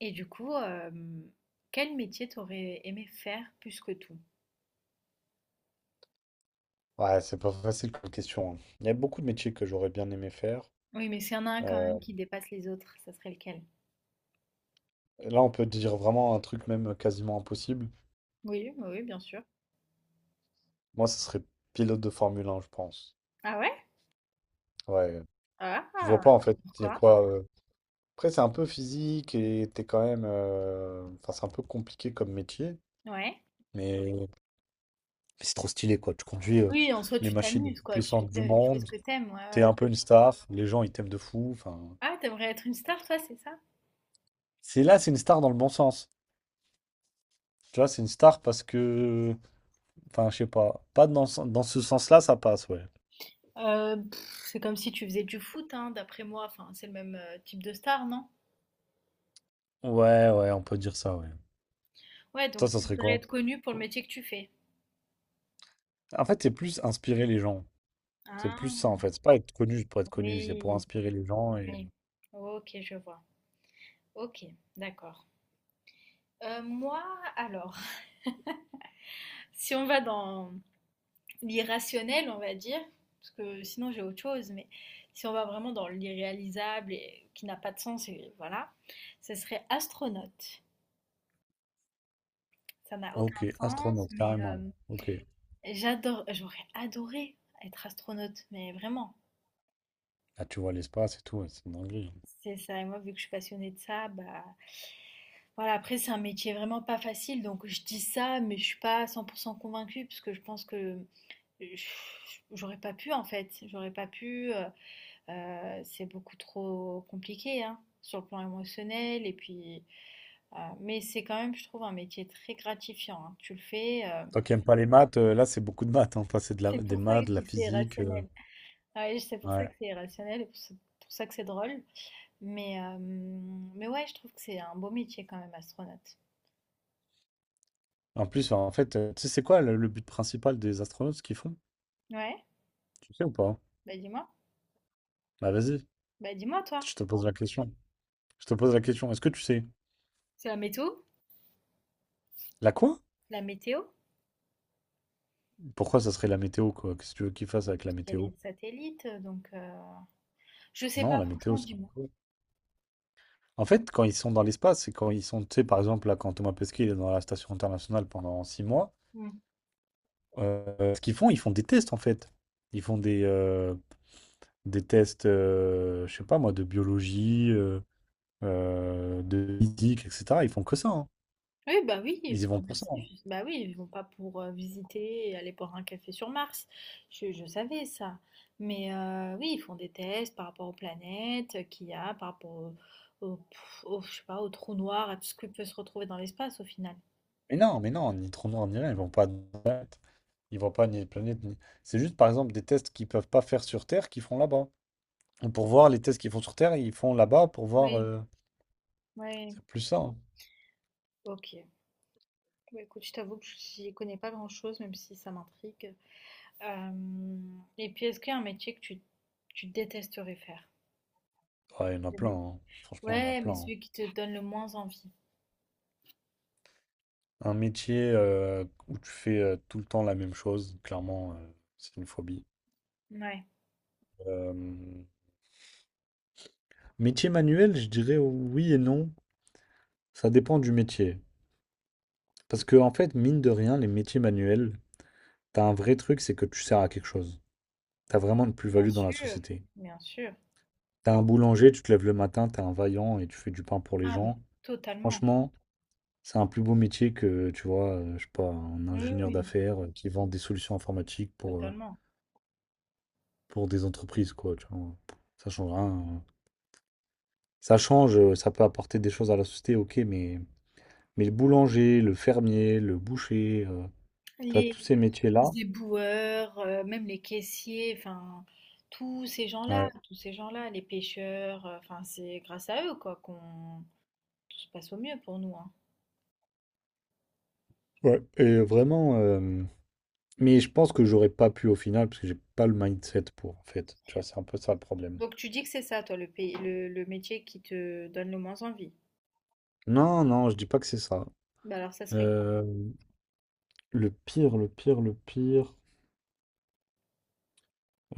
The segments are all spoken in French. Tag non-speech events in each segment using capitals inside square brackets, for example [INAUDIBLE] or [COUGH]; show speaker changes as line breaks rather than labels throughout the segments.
Et du coup, quel métier t'aurais aimé faire plus que tout?
Ouais, c'est pas facile comme question, hein. Il y a beaucoup de métiers que j'aurais bien aimé faire.
Oui, mais s'il y en a un quand
Euh,
même qui dépasse les autres, ça serait lequel?
Là, on peut dire vraiment un truc même quasiment impossible.
Oui, oui, oui, bien sûr.
Moi, ce serait pilote de Formule un je pense.
Ah ouais?
Ouais, je vois
Ah!
pas en
Et
fait. Il y a
pourquoi?
quoi, Après, c'est un peu physique et t'es quand même, enfin, c'est un peu compliqué comme métier,
Ouais.
mais c'est trop stylé quoi. Tu conduis
Oui, en soi,
les
tu
machines les
t'amuses,
plus
quoi, tu
puissantes du
te tu fais ce
monde.
que t'aimes. Ouais, ouais,
T'es
ouais.
un peu une star. Les gens, ils t'aiment de fou. Enfin,
Ah, tu aimerais être une star, toi, c'est ça?
c'est là, c'est une star dans le bon sens. Tu vois, c'est une star parce que enfin, je sais pas. Pas dans, dans ce sens-là, ça passe, ouais.
Heu, c'est comme si tu faisais du foot, hein, d'après moi, enfin, c'est le même, type de star, non?
Ouais, ouais, on peut dire ça, ouais.
Ouais,
Toi,
donc
ça
tu
serait
voudrais
quoi?
être connue pour le métier que tu fais?
En fait, c'est plus inspirer les gens. C'est plus
Ah
ça, en fait. C'est pas être connu juste pour être connu, c'est pour
oui,
inspirer les gens et...
oui. OK, je vois. OK, d'accord. Moi, alors, [LAUGHS] si on va dans l'irrationnel, on va dire, parce que sinon j'ai autre chose, mais si on va vraiment dans l'irréalisable et qui n'a pas de sens, et voilà, ce serait astronaute. Ça n'a aucun
Ok,
sens,
astronaute,
mais
carrément. Ok.
j'adore, j'aurais adoré être astronaute, mais vraiment.
Là, tu vois l'espace et tout, ouais, c'est une dinguerie, hein.
C'est ça, et moi, vu que je suis passionnée de ça, bah voilà, après, c'est un métier vraiment pas facile, donc je dis ça, mais je suis pas 100% convaincue, parce que je pense que je- j'aurais pas pu, en fait, j'aurais pas pu. C'est beaucoup trop compliqué hein, sur le plan émotionnel. Et puis, mais c'est quand même, je trouve, un métier très gratifiant, hein. Tu le fais.
Toi qui aimes pas les maths, là, c'est beaucoup de maths, hein. Toi, c'est de la...
C'est
des
pour ça que je
maths, de la
dis que c'est
physique,
irrationnel. Ouais, c'est pour ça que
ouais.
c'est irrationnel et pour ça que c'est drôle. Mais ouais, je trouve que c'est un beau métier quand même, astronaute.
En plus, enfin, en fait, tu sais, c'est quoi le but principal des astronautes, ce qu'ils font?
Ouais,
Tu sais ou pas?
bah dis-moi.
Bah, vas-y,
Bah dis-moi, toi.
je te pose la question. Je te pose la question. Est-ce que tu sais?
C'est la météo?
La quoi?
La météo?
Pourquoi ça serait la météo, quoi? Qu'est-ce que tu veux qu'ils fassent avec la
Il y a
météo?
les satellites, donc je sais
Non,
pas,
la météo,
franchement,
c'est...
dis-moi.
En fait, quand ils sont dans l'espace, c'est quand ils sont, tu sais, par exemple, là, quand Thomas Pesquet il est dans la station internationale pendant six mois, ce qu'ils font, ils font des tests, en fait. Ils font des tests, je sais pas moi, de biologie, de physique, etc. Ils font que ça, hein.
Oui, bah oui,
Ils y
enfin
vont pour ça,
merci,
hein.
bah oui, ils vont pas pour visiter et aller boire un café sur Mars. Je savais ça. Mais oui, ils font des tests par rapport aux planètes qu'il y a, par rapport au, je sais pas, au trou noir, à tout ce qui peut se retrouver dans l'espace au final.
Mais non, ni trou noir, ni rien, ils vont pas... Ils vont pas ni planète, ni... C'est juste, par exemple, des tests qu'ils peuvent pas faire sur Terre, qu'ils font là-bas. Pour voir les tests qu'ils font sur Terre, ils font là-bas pour voir,
Oui. Ouais,
c'est plus ça, hein.
ok. Bah, écoute, je t'avoue que j'y connais pas grand-chose, même si ça m'intrigue. Euh, et puis, est-ce qu'il y a un métier que tu détesterais faire?
Ouais, il y en a
Des
plein,
métiers.
hein. Franchement, il y en a
Ouais,
plein,
mais
hein.
celui qui te donne le moins envie.
Un métier où tu fais tout le temps la même chose, clairement, c'est une phobie.
Ouais.
Euh, Métier manuel, je dirais oui et non. Ça dépend du métier. Parce que, en fait, mine de rien, les métiers manuels, t'as un vrai truc, c'est que tu sers à quelque chose. T'as vraiment une
Bien
plus-value dans la
sûr,
société.
bien sûr.
T'as un boulanger, tu te lèves le matin, t'es un vaillant et tu fais du pain pour les
Ah, mais
gens.
totalement.
Franchement, c'est un plus beau métier que, tu vois, je sais pas, un
Oui,
ingénieur
oui,
d'affaires, qui vend des solutions informatiques
totalement.
pour des entreprises, quoi, tu vois? Ça change rien, hein. Ça change, ça peut apporter des choses à la société, OK, mais le boulanger, le fermier, le boucher, tu vois,
Les,
tous ces métiers-là
les éboueurs, même les caissiers, enfin,
ouais,
tous ces gens-là, les pêcheurs, enfin, c'est grâce à eux, quoi, qu'on tout se passe au mieux pour nous, hein.
ouais et vraiment, mais je pense que j'aurais pas pu au final parce que j'ai pas le mindset pour, en fait. Tu vois, c'est un peu ça le problème.
Donc tu dis que c'est ça, toi, le métier qui te donne le moins envie.
Non, non, je dis pas que c'est ça.
Bah alors, ça serait quoi?
Hem, le pire, le pire, le pire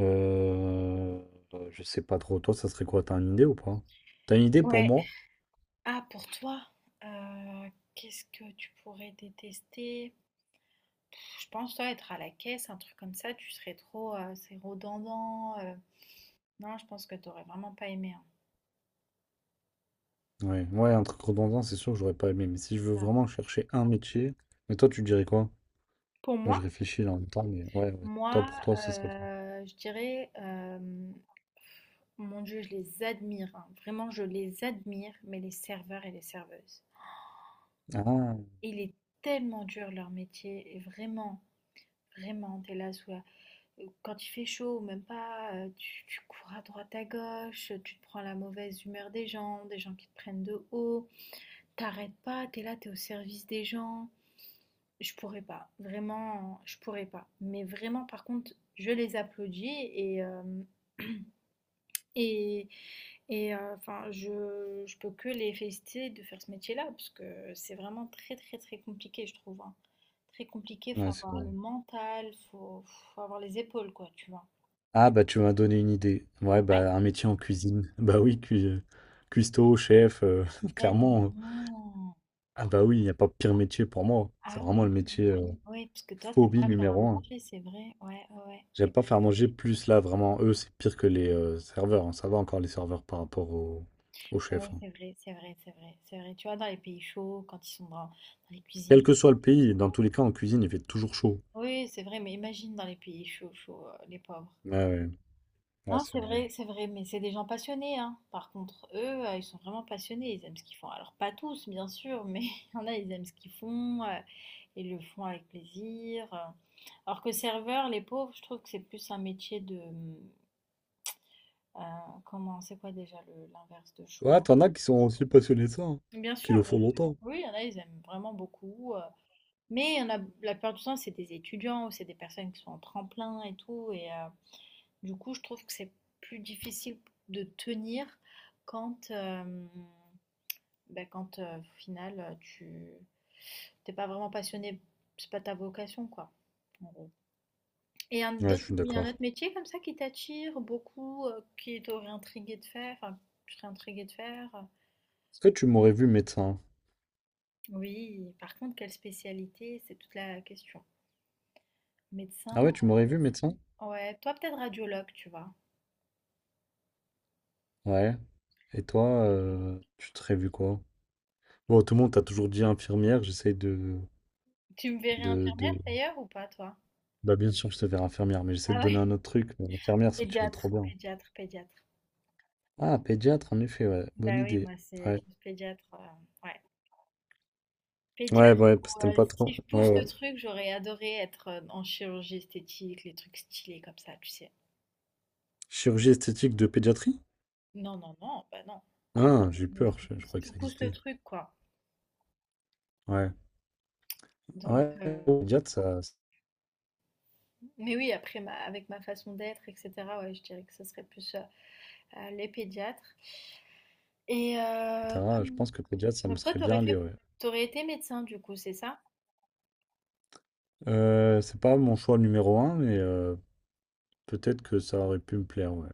Euh, je sais pas trop. Toi, ça serait quoi? T'as une idée ou pas? T'as une idée pour
Ouais.
moi?
Ah, pour toi, euh, qu'est-ce que tu pourrais détester? Je pense, toi, être à la caisse, un truc comme ça, tu serais trop, c'est redondant. Non, je pense que t'aurais vraiment pas aimé, hein.
Ouais, ouais, un truc redondant, c'est sûr que j'aurais pas aimé. Mais si je
C'est
veux
ça.
vraiment chercher un métier, mais toi, tu dirais quoi?
Pour
Moi,
moi,
je réfléchis là en même temps, mais ouais, ouais. Toi,
Moi,
pour toi, ce serait quoi?
je dirais, mon Dieu, je les admire, hein. Vraiment, je les admire, mais les serveurs et les serveuses.
Ah,
Il est tellement dur leur métier, et vraiment, t'es là sous la- Quand il fait chaud, ou même pas, tu cours à droite à gauche, tu te prends la mauvaise humeur des gens qui te prennent de haut. T'arrêtes pas, t'es là, t'es au service des gens. Je pourrais pas, vraiment, je pourrais pas. Mais vraiment, par contre, je les applaudis et, et enfin, je peux que les féliciter de faire ce métier-là, parce que c'est vraiment très, très, très compliqué, je trouve, hein. Très compliqué, faut
ouais, c'est
avoir
vrai.
le mental, faut avoir les épaules, quoi, tu vois.
Ah, bah, tu m'as donné une idée. Ouais,
Ouais.
bah, un métier en cuisine. [LAUGHS] Bah oui, cuistot, chef, [LAUGHS] clairement,
Tellement.
Ah, bah oui, il n'y a pas pire métier pour moi. C'est
Ah
vraiment
oui,
le métier
oui, parce que toi, t'aimes
phobie
pas faire à
numéro un.
manger, c'est vrai. Ouais, ouais,
J'aime
ouais.
pas faire manger plus là, vraiment. Eux, c'est pire que les serveurs, hein. Ça va encore les serveurs par rapport au
Oui,
chef, hein.
c'est vrai, c'est vrai, c'est vrai, c'est vrai. Tu vois, dans les pays chauds, quand ils sont dans les
Quel
cuisines
que soit le
froides.
pays, dans tous les cas, en cuisine, il fait toujours chaud.
Oui, c'est vrai, mais imagine dans les pays chauds, chauds, les pauvres.
Ouais, ouais. Ouais,
Non,
c'est vrai.
c'est vrai, mais c'est des gens passionnés, hein. Par contre, eux, ils sont vraiment passionnés, ils aiment ce qu'ils font. Alors, pas tous, bien sûr, mais [LAUGHS] il y en a, ils aiment ce qu'ils font, ils le font avec plaisir. Alors que serveur, les pauvres, je trouve que c'est plus un métier de... euh, comment, c'est quoi déjà l'inverse de choix?
Ouais, t'en as qui sont aussi passionnés de ça, hein,
Bien
qui
sûr,
le
bien
font
sûr.
longtemps.
Oui, il y en a, ils aiment vraiment beaucoup. Mais on a, la plupart du temps, c'est des étudiants ou c'est des personnes qui sont en tremplin et tout. Et du coup, je trouve que c'est plus difficile de tenir quand, quand au final, tu t'es pas vraiment passionné, c'est pas ta vocation, quoi, en gros. Et un
Ouais, je
autre,
suis
il y a un
d'accord.
autre métier comme ça qui t'attire beaucoup, qui t'aurait intrigué de faire, enfin, tu serais intrigué de faire.
Est-ce que tu m'aurais vu médecin?
Oui, par contre, quelle spécialité? C'est toute la question.
Ah
Médecin,
ouais, tu m'aurais vu médecin?
ouais, toi peut-être radiologue, tu vois.
Ouais. Et toi, tu te vu quoi? Bon, tout le monde t'a toujours dit infirmière. J'essaye
Tu me verrais
de,
infirmière
de-
d'ailleurs ou pas, toi?
bah, bien sûr, je te verrai infirmière, mais j'essaie de
Ah
donner
ouais,
un autre truc. Mais infirmière, ça tirait trop bien.
pédiatre.
Ah, pédiatre, en effet, ouais. Bonne
Bah oui,
idée.
moi c'est
Ouais.
plus pédiatre, ouais. Pédiatre,
Ouais, ouais, parce que t'aimes pas
si
trop.
je
Ouais,
pousse
ouais.
le truc, j'aurais adoré être en chirurgie esthétique, les trucs stylés comme ça, tu sais.
Chirurgie esthétique de pédiatrie?
Non, non, non, bah non.
Ah, j'ai eu
Mais
peur. Je
si
croyais que
tu
ça
pousses le
existait.
truc, quoi.
Ouais.
Donc,
Ouais, pédiatre, ça,
mais oui, après, avec ma façon d'être, etc., ouais, je dirais que ce serait plus les pédiatres. Et
etc. Je pense que pédiatre, ça me
donc toi,
serait bien allé, ouais.
t'aurais été médecin, du coup, c'est ça?
C'est pas mon choix numéro un, mais peut-être que ça aurait pu me plaire, ouais.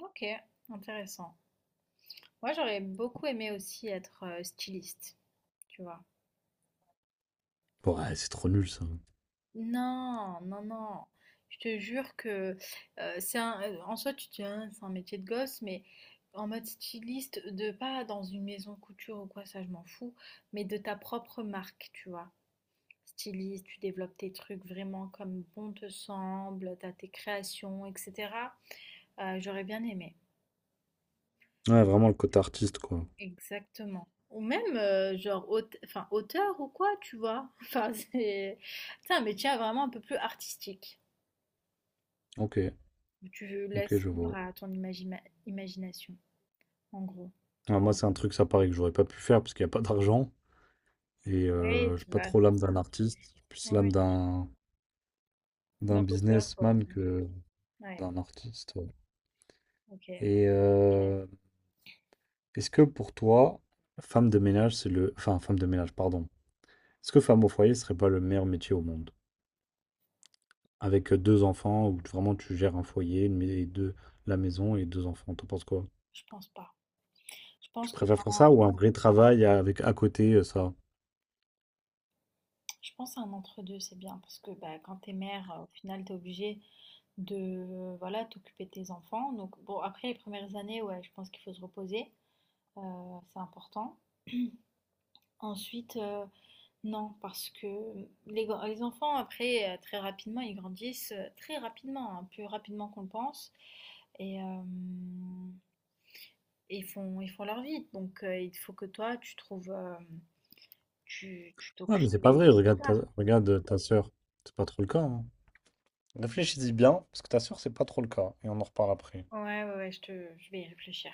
Ok, intéressant. Moi, j'aurais beaucoup aimé aussi être styliste, tu vois.
Ouais, c'est trop nul ça.
Non, non, non. Je te jure que en soi, tu te dis, hein, c'est un métier de gosse, mais en mode styliste, de pas dans une maison couture ou quoi, ça, je m'en fous, mais de ta propre marque, tu vois. Styliste, tu développes tes trucs vraiment comme bon te semble, t'as tes créations, etc. J'aurais bien aimé.
Ouais, vraiment le côté artiste, quoi.
Exactement. Ou même, genre, enfin, auteur ou quoi, tu vois. [LAUGHS] Enfin, c'est un métier vraiment un peu plus artistique.
Ok,
Où tu
ok,
laisses
je
libre
vois.
à ton imagination, en gros.
Ah, moi, c'est un truc, ça paraît que j'aurais pas pu faire parce qu'il n'y a pas d'argent.
Oui,
J'ai
tu
pas
vois,
trop
c'est
l'âme
ça.
d'un artiste. J'ai plus
Oui,
l'âme
oui.
d'un d'un
L'imposteur, quoi.
businessman que
Ouais,
d'un artiste, ouais.
ok.
Et euh, Est-ce que pour toi, femme de ménage, c'est le. Enfin, femme de ménage, pardon. Est-ce que femme au foyer serait pas le meilleur métier au monde? Avec deux enfants, où vraiment tu gères un foyer, et deux, la maison et deux enfants. T'en penses quoi?
Je pense pas. Je
Tu
pense que
préfères faire ça
quand...
ou un vrai travail avec à côté ça?
Je pense à un entre-deux, c'est bien. Parce que bah, quand t'es mère, au final, t'es obligée de voilà, t'occuper de tes enfants. Donc, bon, après les premières années, ouais, je pense qu'il faut se reposer. C'est important. Ensuite, non, parce que les enfants après, très rapidement, ils grandissent, très rapidement, hein, plus rapidement qu'on le pense et hem et ils font leur vie. Donc il faut que toi, tu trouves, tu
Ah, mais
t'occupes
c'est pas
et
vrai,
c'est trop tard.
regarde ta sœur. C'est pas trop le cas, hein. Réfléchis-y bien, parce que ta sœur, c'est pas trop le cas. Et on en reparle après.
Ouais, ouais, ouais, je vais y réfléchir.